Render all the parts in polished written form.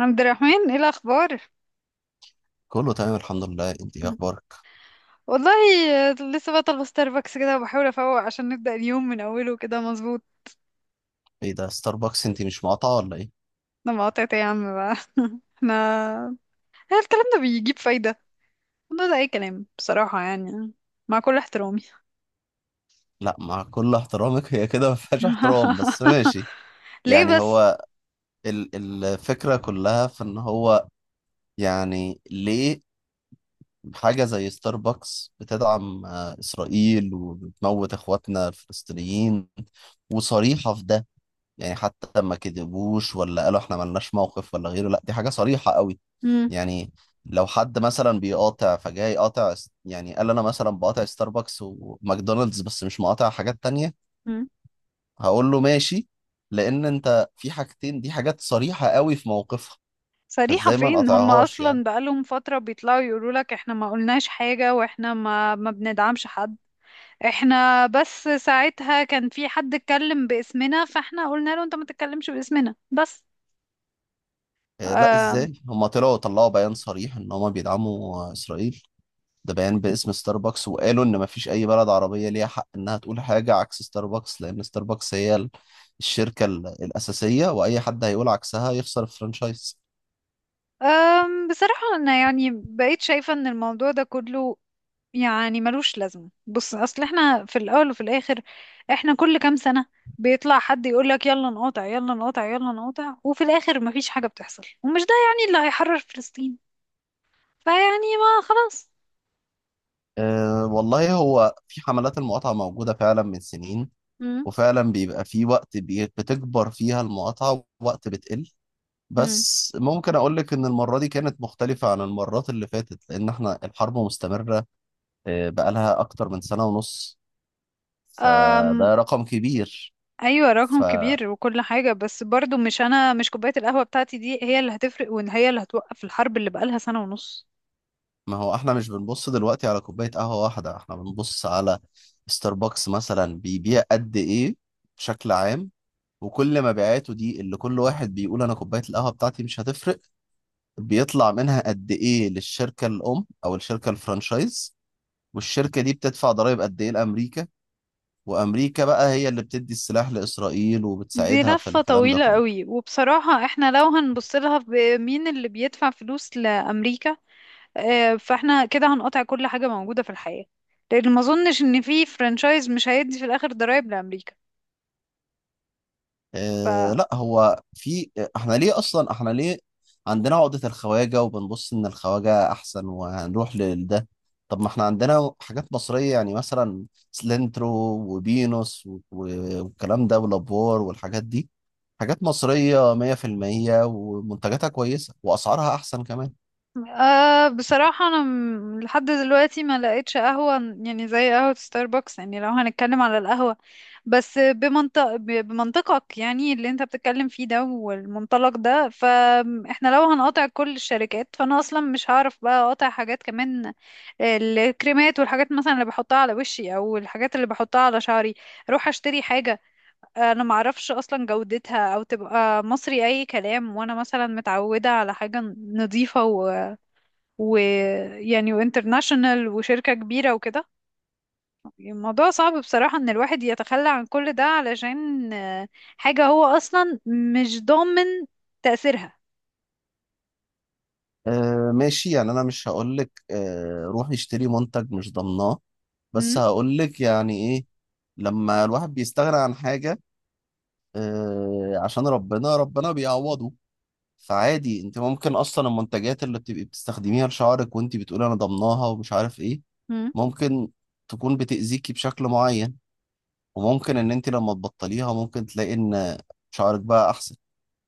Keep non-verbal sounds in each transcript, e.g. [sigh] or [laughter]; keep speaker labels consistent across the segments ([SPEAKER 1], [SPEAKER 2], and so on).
[SPEAKER 1] عبد الرحمن، ايه الاخبار؟
[SPEAKER 2] كله تمام، الحمد لله. انت ايه اخبارك؟
[SPEAKER 1] والله، لسه بطلب ستاربكس كده وبحاول افوق عشان نبدا اليوم من اوله كده مظبوط.
[SPEAKER 2] ايه ده؟ ستاربكس؟ انت مش مقاطعه ولا ايه؟
[SPEAKER 1] انا مقاطعت يا عم بقى. [laughs] احنا هل الكلام ده بيجيب فايده؟ والله ده اي كلام بصراحه، يعني مع كل احترامي.
[SPEAKER 2] لا، مع كل احترامك [laughs] هي كده ما فيهاش احترام، بس
[SPEAKER 1] [laughs]
[SPEAKER 2] ماشي.
[SPEAKER 1] ليه
[SPEAKER 2] يعني
[SPEAKER 1] بس؟
[SPEAKER 2] هو، ال الفكره كلها في ان هو، يعني ليه؟ حاجه زي ستاربكس بتدعم اسرائيل وبتموت اخواتنا الفلسطينيين، وصريحه في ده. يعني حتى ما كذبوش ولا قالوا احنا ملناش موقف ولا غيره. لا، دي حاجة صريحة قوي.
[SPEAKER 1] مم.
[SPEAKER 2] يعني لو حد مثلا بيقاطع، فجاي قاطع يعني قال انا مثلا بقاطع ستاربكس وماكدونالدز بس مش مقاطع حاجات تانية،
[SPEAKER 1] مم.
[SPEAKER 2] هقول له ماشي. لان انت في حاجتين دي حاجات صريحة قوي في موقفها،
[SPEAKER 1] صريحة
[SPEAKER 2] فازاي ما
[SPEAKER 1] فين؟ هم
[SPEAKER 2] نقاطعهاش يعني؟
[SPEAKER 1] أصلا بقالهم فترة بيطلعوا يقولوا لك احنا ما قلناش حاجة، واحنا ما ما بندعمش حد. احنا بس ساعتها كان في حد اتكلم باسمنا، فاحنا قلنا له انت ما تتكلمش باسمنا بس.
[SPEAKER 2] لا،
[SPEAKER 1] أم
[SPEAKER 2] ازاي؟ هما طلعوا بيان صريح ان هما بيدعموا اسرائيل. ده بيان باسم ستاربكس، وقالوا ان مفيش اي بلد عربية ليها حق انها تقول حاجة عكس ستاربكس، لان ستاربكس هي الشركة الاساسية، واي حد هيقول عكسها يخسر الفرنشايز.
[SPEAKER 1] أم بصراحة انا يعني بقيت شايفة ان الموضوع ده كله يعني ملوش لازمة. بص، اصل احنا في الاول وفي الاخر، احنا كل كام سنة بيطلع حد يقولك يلا نقاطع، يلا نقاطع، يلا نقاطع، وفي الاخر مفيش حاجة بتحصل، ومش ده يعني اللي هيحرر فلسطين. فيعني ما خلاص.
[SPEAKER 2] أه والله، هو في حملات المقاطعة موجودة فعلا من سنين،
[SPEAKER 1] مم.
[SPEAKER 2] وفعلا بيبقى في وقت بتكبر فيها المقاطعة ووقت بتقل. بس ممكن اقول لك ان المرة دي كانت مختلفة عن المرات اللي فاتت، لان احنا الحرب مستمرة. بقالها اكتر من سنة ونص،
[SPEAKER 1] مم.
[SPEAKER 2] فده رقم كبير.
[SPEAKER 1] ايوه، رقم
[SPEAKER 2] ف
[SPEAKER 1] كبير وكل حاجه، بس برضو مش، انا مش كوبايه القهوه بتاعتي دي هي اللي هتفرق، وان هي اللي هتوقف الحرب اللي بقالها سنه ونص.
[SPEAKER 2] ما هو احنا مش بنبص دلوقتي على كوباية قهوة واحدة، احنا بنبص على ستاربكس مثلا بيبيع قد ايه بشكل عام، وكل مبيعاته دي اللي كل واحد بيقول انا كوباية القهوة بتاعتي مش هتفرق، بيطلع منها قد ايه للشركة الام او الشركة الفرانشايز؟ والشركة دي بتدفع ضرائب قد ايه لامريكا؟ وامريكا بقى هي اللي بتدي السلاح لاسرائيل
[SPEAKER 1] دي
[SPEAKER 2] وبتساعدها في
[SPEAKER 1] لفه
[SPEAKER 2] الكلام ده
[SPEAKER 1] طويله
[SPEAKER 2] كله.
[SPEAKER 1] قوي، وبصراحه احنا لو هنبص لها بمين اللي بيدفع فلوس لامريكا، فاحنا كده هنقطع كل حاجه موجوده في الحياه، لان ما اظنش ان في فرانشايز مش هيدي في الاخر ضرائب لامريكا.
[SPEAKER 2] آه لا، هو في، احنا ليه اصلا، احنا ليه عندنا عقدة الخواجة وبنبص ان الخواجة احسن وهنروح لده؟ طب ما احنا عندنا حاجات مصرية يعني، مثلا سلنترو وبينوس والكلام ده، ولابور والحاجات دي، حاجات مصرية 100% ومنتجاتها كويسة واسعارها احسن كمان.
[SPEAKER 1] أه، بصراحة أنا لحد دلوقتي ما لقيتش قهوة يعني زي قهوة ستاربكس. يعني لو هنتكلم على القهوة بس بمنطق بمنطقك، يعني اللي انت بتتكلم فيه ده والمنطلق ده، فاحنا لو هنقاطع كل الشركات فأنا أصلا مش هعرف بقى أقاطع حاجات كمان. الكريمات والحاجات مثلا اللي بحطها على وشي أو الحاجات اللي بحطها على شعري، أروح أشتري حاجة أنا معرفش أصلا جودتها أو تبقى مصري أي كلام، وأنا مثلا متعودة على حاجة نظيفة ويعني وانترناشونال وشركة كبيرة وكده. الموضوع صعب بصراحة ان الواحد يتخلى عن كل ده علشان حاجة هو اصلا مش ضامن تأثيرها.
[SPEAKER 2] آه ماشي، يعني انا مش هقولك آه روح اشتري منتج مش ضمناه، بس هقولك يعني ايه لما الواحد بيستغنى عن حاجة عشان ربنا ربنا بيعوضه. فعادي، انت ممكن اصلا المنتجات اللي بتبقي بتستخدميها لشعرك وانت بتقولي انا ضمناها ومش عارف ايه،
[SPEAKER 1] مم.
[SPEAKER 2] ممكن تكون بتأذيكي بشكل معين، وممكن ان انت لما تبطليها ممكن تلاقي ان شعرك بقى احسن،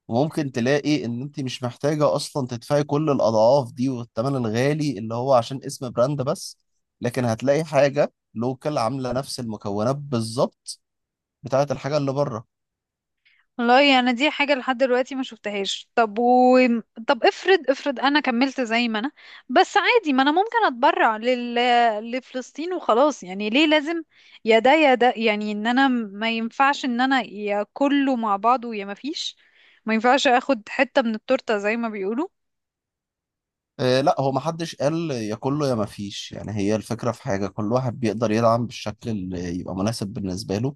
[SPEAKER 2] وممكن تلاقي ان انت مش محتاجة اصلا تدفعي كل الاضعاف دي والثمن الغالي اللي هو عشان اسم براند بس، لكن هتلاقي حاجة لوكال عاملة نفس المكونات بالظبط بتاعت الحاجة اللي بره.
[SPEAKER 1] والله انا يعني دي حاجه لحد دلوقتي ما شفتهاش. طب افرض، افرض انا كملت زي ما انا، بس عادي ما انا ممكن اتبرع لفلسطين وخلاص. يعني ليه لازم يا ده يا ده؟ يعني ان انا ما ينفعش ان انا، يا كله مع بعضه يا ما فيش. ما ينفعش اخد حته من التورته زي ما بيقولوا.
[SPEAKER 2] لا، هو ما حدش قال يا كله يا ما فيش. يعني هي الفكرة في حاجة كل واحد بيقدر يدعم بالشكل اللي يبقى مناسب بالنسبة له.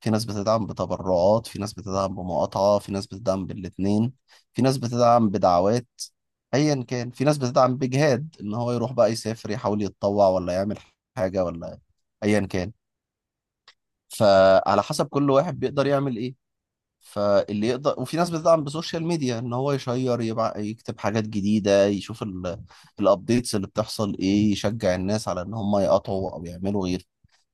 [SPEAKER 2] في ناس بتدعم بتبرعات، في ناس بتدعم بمقاطعة، في ناس بتدعم بالاتنين، في ناس بتدعم بدعوات، ايا كان. في ناس بتدعم بجهاد ان هو يروح بقى يسافر يحاول يتطوع ولا يعمل حاجة، ولا ايا كان. فعلى حسب كل واحد بيقدر يعمل ايه، فاللي يقدر. وفي ناس بتدعم بسوشيال ميديا، ان هو يشير يكتب حاجات جديده، يشوف الابديتس اللي بتحصل ايه، يشجع الناس على ان هم يقطعوا او يعملوا غير.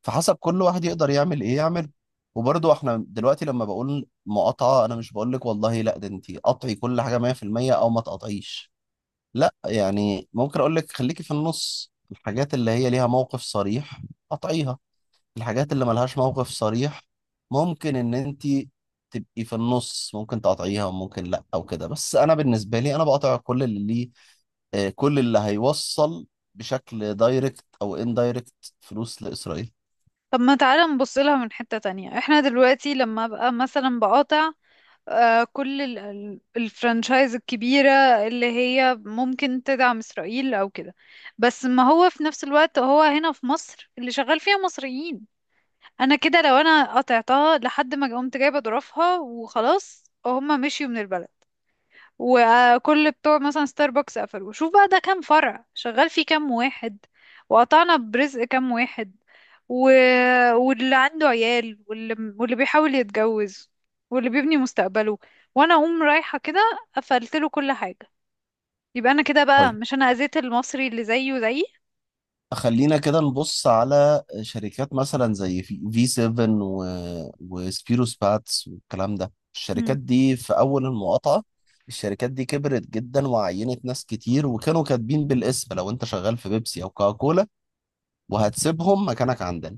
[SPEAKER 2] فحسب كل واحد يقدر يعمل ايه يعمل. وبرضه احنا دلوقتي لما بقول مقاطعه، انا مش بقول لك والله لا ده انت قطعي كل حاجه 100% او ما تقطعيش. لا يعني، ممكن اقول لك خليكي في النص. الحاجات اللي هي ليها موقف صريح قطعيها، الحاجات اللي ملهاش موقف صريح ممكن ان انت تبقي في النص، ممكن تقاطعيها وممكن لا او كده. بس انا بالنسبه لي، انا بقاطع كل اللي ليه كل اللي هيوصل بشكل دايركت او اندايركت فلوس لاسرائيل.
[SPEAKER 1] طب ما تعالى نبص لها من حته تانية، احنا دلوقتي لما ابقى مثلا بقاطع كل الفرنشايز الكبيرة اللي هي ممكن تدعم إسرائيل أو كده، بس ما هو في نفس الوقت هو هنا في مصر اللي شغال فيها مصريين. أنا كده لو أنا قطعتها لحد ما قمت جايبة ظروفها وخلاص هما مشيوا من البلد، وكل بتوع مثلا ستاربكس قفلوا، شوف بقى ده كام فرع شغال فيه كام واحد، وقطعنا برزق كام واحد، و... واللي عنده عيال، واللي بيحاول يتجوز، واللي بيبني مستقبله، وانا اقوم رايحة كده قفلت له كل حاجة. يبقى انا كده بقى
[SPEAKER 2] طيب،
[SPEAKER 1] مش انا اذيت المصري اللي زيه زيي؟
[SPEAKER 2] خلينا كده نبص على شركات مثلا زي في في 7 وسبيروس باتس والكلام ده.
[SPEAKER 1] مم.
[SPEAKER 2] الشركات دي في اول المقاطعه، الشركات دي كبرت جدا وعينت ناس كتير، وكانوا كاتبين بالاسم لو انت شغال في بيبسي او كوكاكولا وهتسيبهم، مكانك عندنا.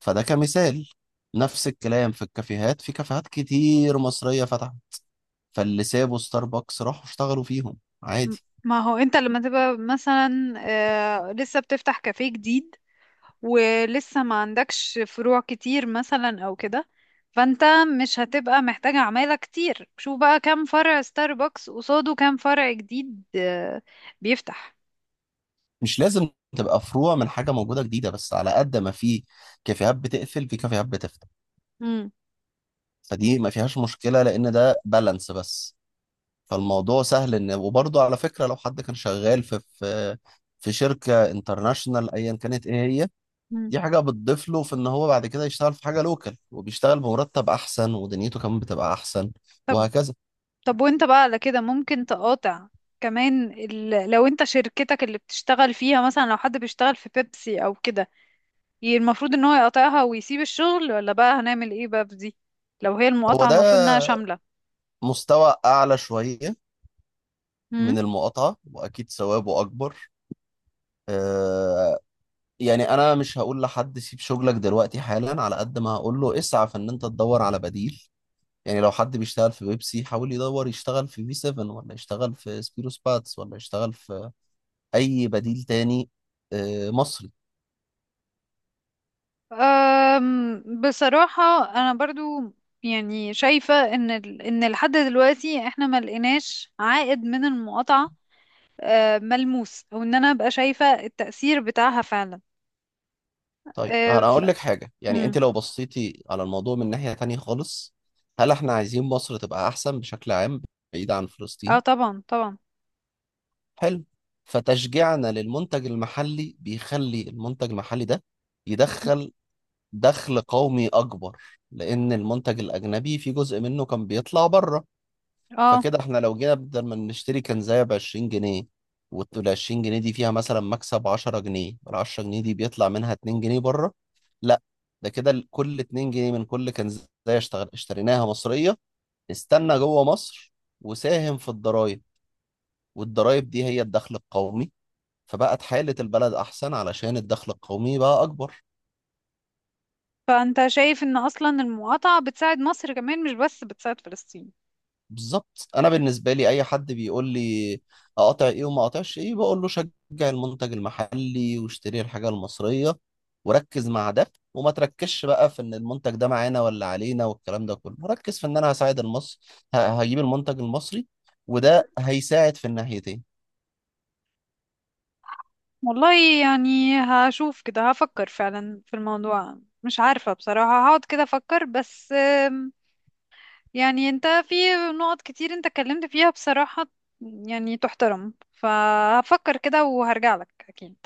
[SPEAKER 2] فده كمثال. نفس الكلام في الكافيهات، في كافيهات كتير مصرية فتحت، فاللي سابوا ستاربكس راحوا اشتغلوا فيهم، عادي.
[SPEAKER 1] ما هو انت لما تبقى مثلا لسه بتفتح كافيه جديد ولسه ما عندكش فروع كتير مثلا او كده، فانت مش هتبقى محتاجة عمالة كتير. شوف بقى كام فرع ستاربكس قصاده كام فرع جديد بيفتح.
[SPEAKER 2] مش لازم تبقى فروع من حاجة موجودة جديدة، بس على قد ما في كافيهات بتقفل، في كافيهات بتفتح.
[SPEAKER 1] مم.
[SPEAKER 2] فدي ما فيهاش مشكلة، لأن ده بالانس بس. فالموضوع سهل إن، وبرضه على فكرة، لو حد كان شغال في في شركة انترناشونال أيا كانت إيه هي،
[SPEAKER 1] مم.
[SPEAKER 2] دي حاجة بتضيف له في ان هو بعد كده يشتغل في حاجة لوكال، وبيشتغل بمرتب احسن ودنيته كمان بتبقى احسن، وهكذا.
[SPEAKER 1] طب وانت بقى على كده ممكن تقاطع كمان، لو انت شركتك اللي بتشتغل فيها، مثلا لو حد بيشتغل في بيبسي او كده، المفروض ان هو يقاطعها ويسيب الشغل، ولا بقى هنعمل ايه بقى في دي لو هي
[SPEAKER 2] هو
[SPEAKER 1] المقاطعة
[SPEAKER 2] ده
[SPEAKER 1] المفروض انها شاملة؟
[SPEAKER 2] مستوى اعلى شوية من المقاطعة واكيد ثوابه اكبر. آه، يعني انا مش هقول لحد سيب شغلك دلوقتي حالا، على قد ما هقول له اسعى في ان انت تدور على بديل. يعني لو حد بيشتغل في بيبسي، حاول يدور يشتغل في في 7، ولا يشتغل في سبيروس باتس، ولا يشتغل في اي بديل تاني، مصري.
[SPEAKER 1] بصراحة أنا برضو يعني شايفة إن إن لحد دلوقتي إحنا ما لقيناش عائد من المقاطعة ملموس، أو إن أنا أبقى شايفة التأثير بتاعها فعلا.
[SPEAKER 2] طيب
[SPEAKER 1] أه،
[SPEAKER 2] انا اقول لك حاجه، يعني
[SPEAKER 1] مم.
[SPEAKER 2] انت لو بصيتي على الموضوع من ناحيه تانية خالص، هل احنا عايزين مصر تبقى احسن بشكل عام، بعيد عن
[SPEAKER 1] اه،
[SPEAKER 2] فلسطين؟
[SPEAKER 1] طبعا طبعا.
[SPEAKER 2] حلو. فتشجيعنا للمنتج المحلي بيخلي المنتج المحلي ده
[SPEAKER 1] مم.
[SPEAKER 2] يدخل دخل قومي اكبر، لان المنتج الاجنبي في جزء منه كان بيطلع بره.
[SPEAKER 1] اه،
[SPEAKER 2] فكده احنا لو جينا بدل ما نشتري كنزاية ب 20 جنيه، وال 20 جنيه دي فيها مثلا مكسب 10 جنيه، ال 10 جنيه دي بيطلع منها 2 جنيه بره. لا، ده كده كل 2 جنيه من كل كنزاية اشتغل اشتريناها مصرية، استنى جوه مصر وساهم في الضرايب، والضرايب دي هي الدخل القومي. فبقت حالة البلد أحسن علشان الدخل القومي بقى أكبر.
[SPEAKER 1] فأنت شايف إن أصلا المقاطعة بتساعد مصر كمان مش بس بتساعد فلسطين؟
[SPEAKER 2] بالظبط. انا بالنسبه لي، اي حد بيقول لي اقطع ايه وما اقطعش ايه، بقول له شجع المنتج المحلي واشتري الحاجه المصريه، وركز مع ده وما تركزش بقى في ان المنتج ده معانا ولا علينا والكلام ده كله. ركز في ان انا هساعد المصري، هجيب المنتج المصري، وده
[SPEAKER 1] مم.
[SPEAKER 2] هيساعد في الناحيتين.
[SPEAKER 1] والله يعني هشوف كده، هفكر فعلا في الموضوع. مش عارفة بصراحة، هقعد كده أفكر بس. يعني انت في نقط كتير انت اتكلمت فيها بصراحة يعني تحترم، فهفكر كده وهرجع لك اكيد.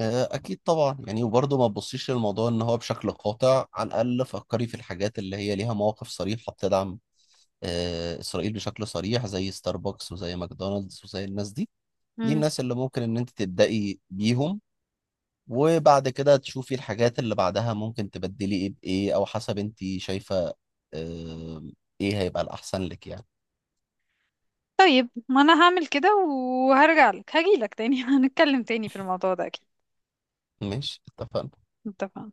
[SPEAKER 2] اكيد طبعا. يعني وبرضه ما تبصيش للموضوع ان هو بشكل قاطع، على الاقل فكري في الحاجات اللي هي ليها مواقف صريحه بتدعم اسرائيل بشكل صريح، زي ستاربكس وزي ماكدونالدز وزي الناس دي. دي
[SPEAKER 1] مم.
[SPEAKER 2] الناس اللي ممكن ان انت تبدأي بيهم، وبعد كده تشوفي الحاجات اللي بعدها ممكن تبدلي ايه بايه، او حسب انت شايفة آه، ايه هيبقى الاحسن لك يعني.
[SPEAKER 1] طيب ما انا هعمل كده وهرجع لك هجي لك تاني. [laughs] هنتكلم تاني في الموضوع ده اكيد.
[SPEAKER 2] ماشي، اتفقنا.
[SPEAKER 1] اتفقنا.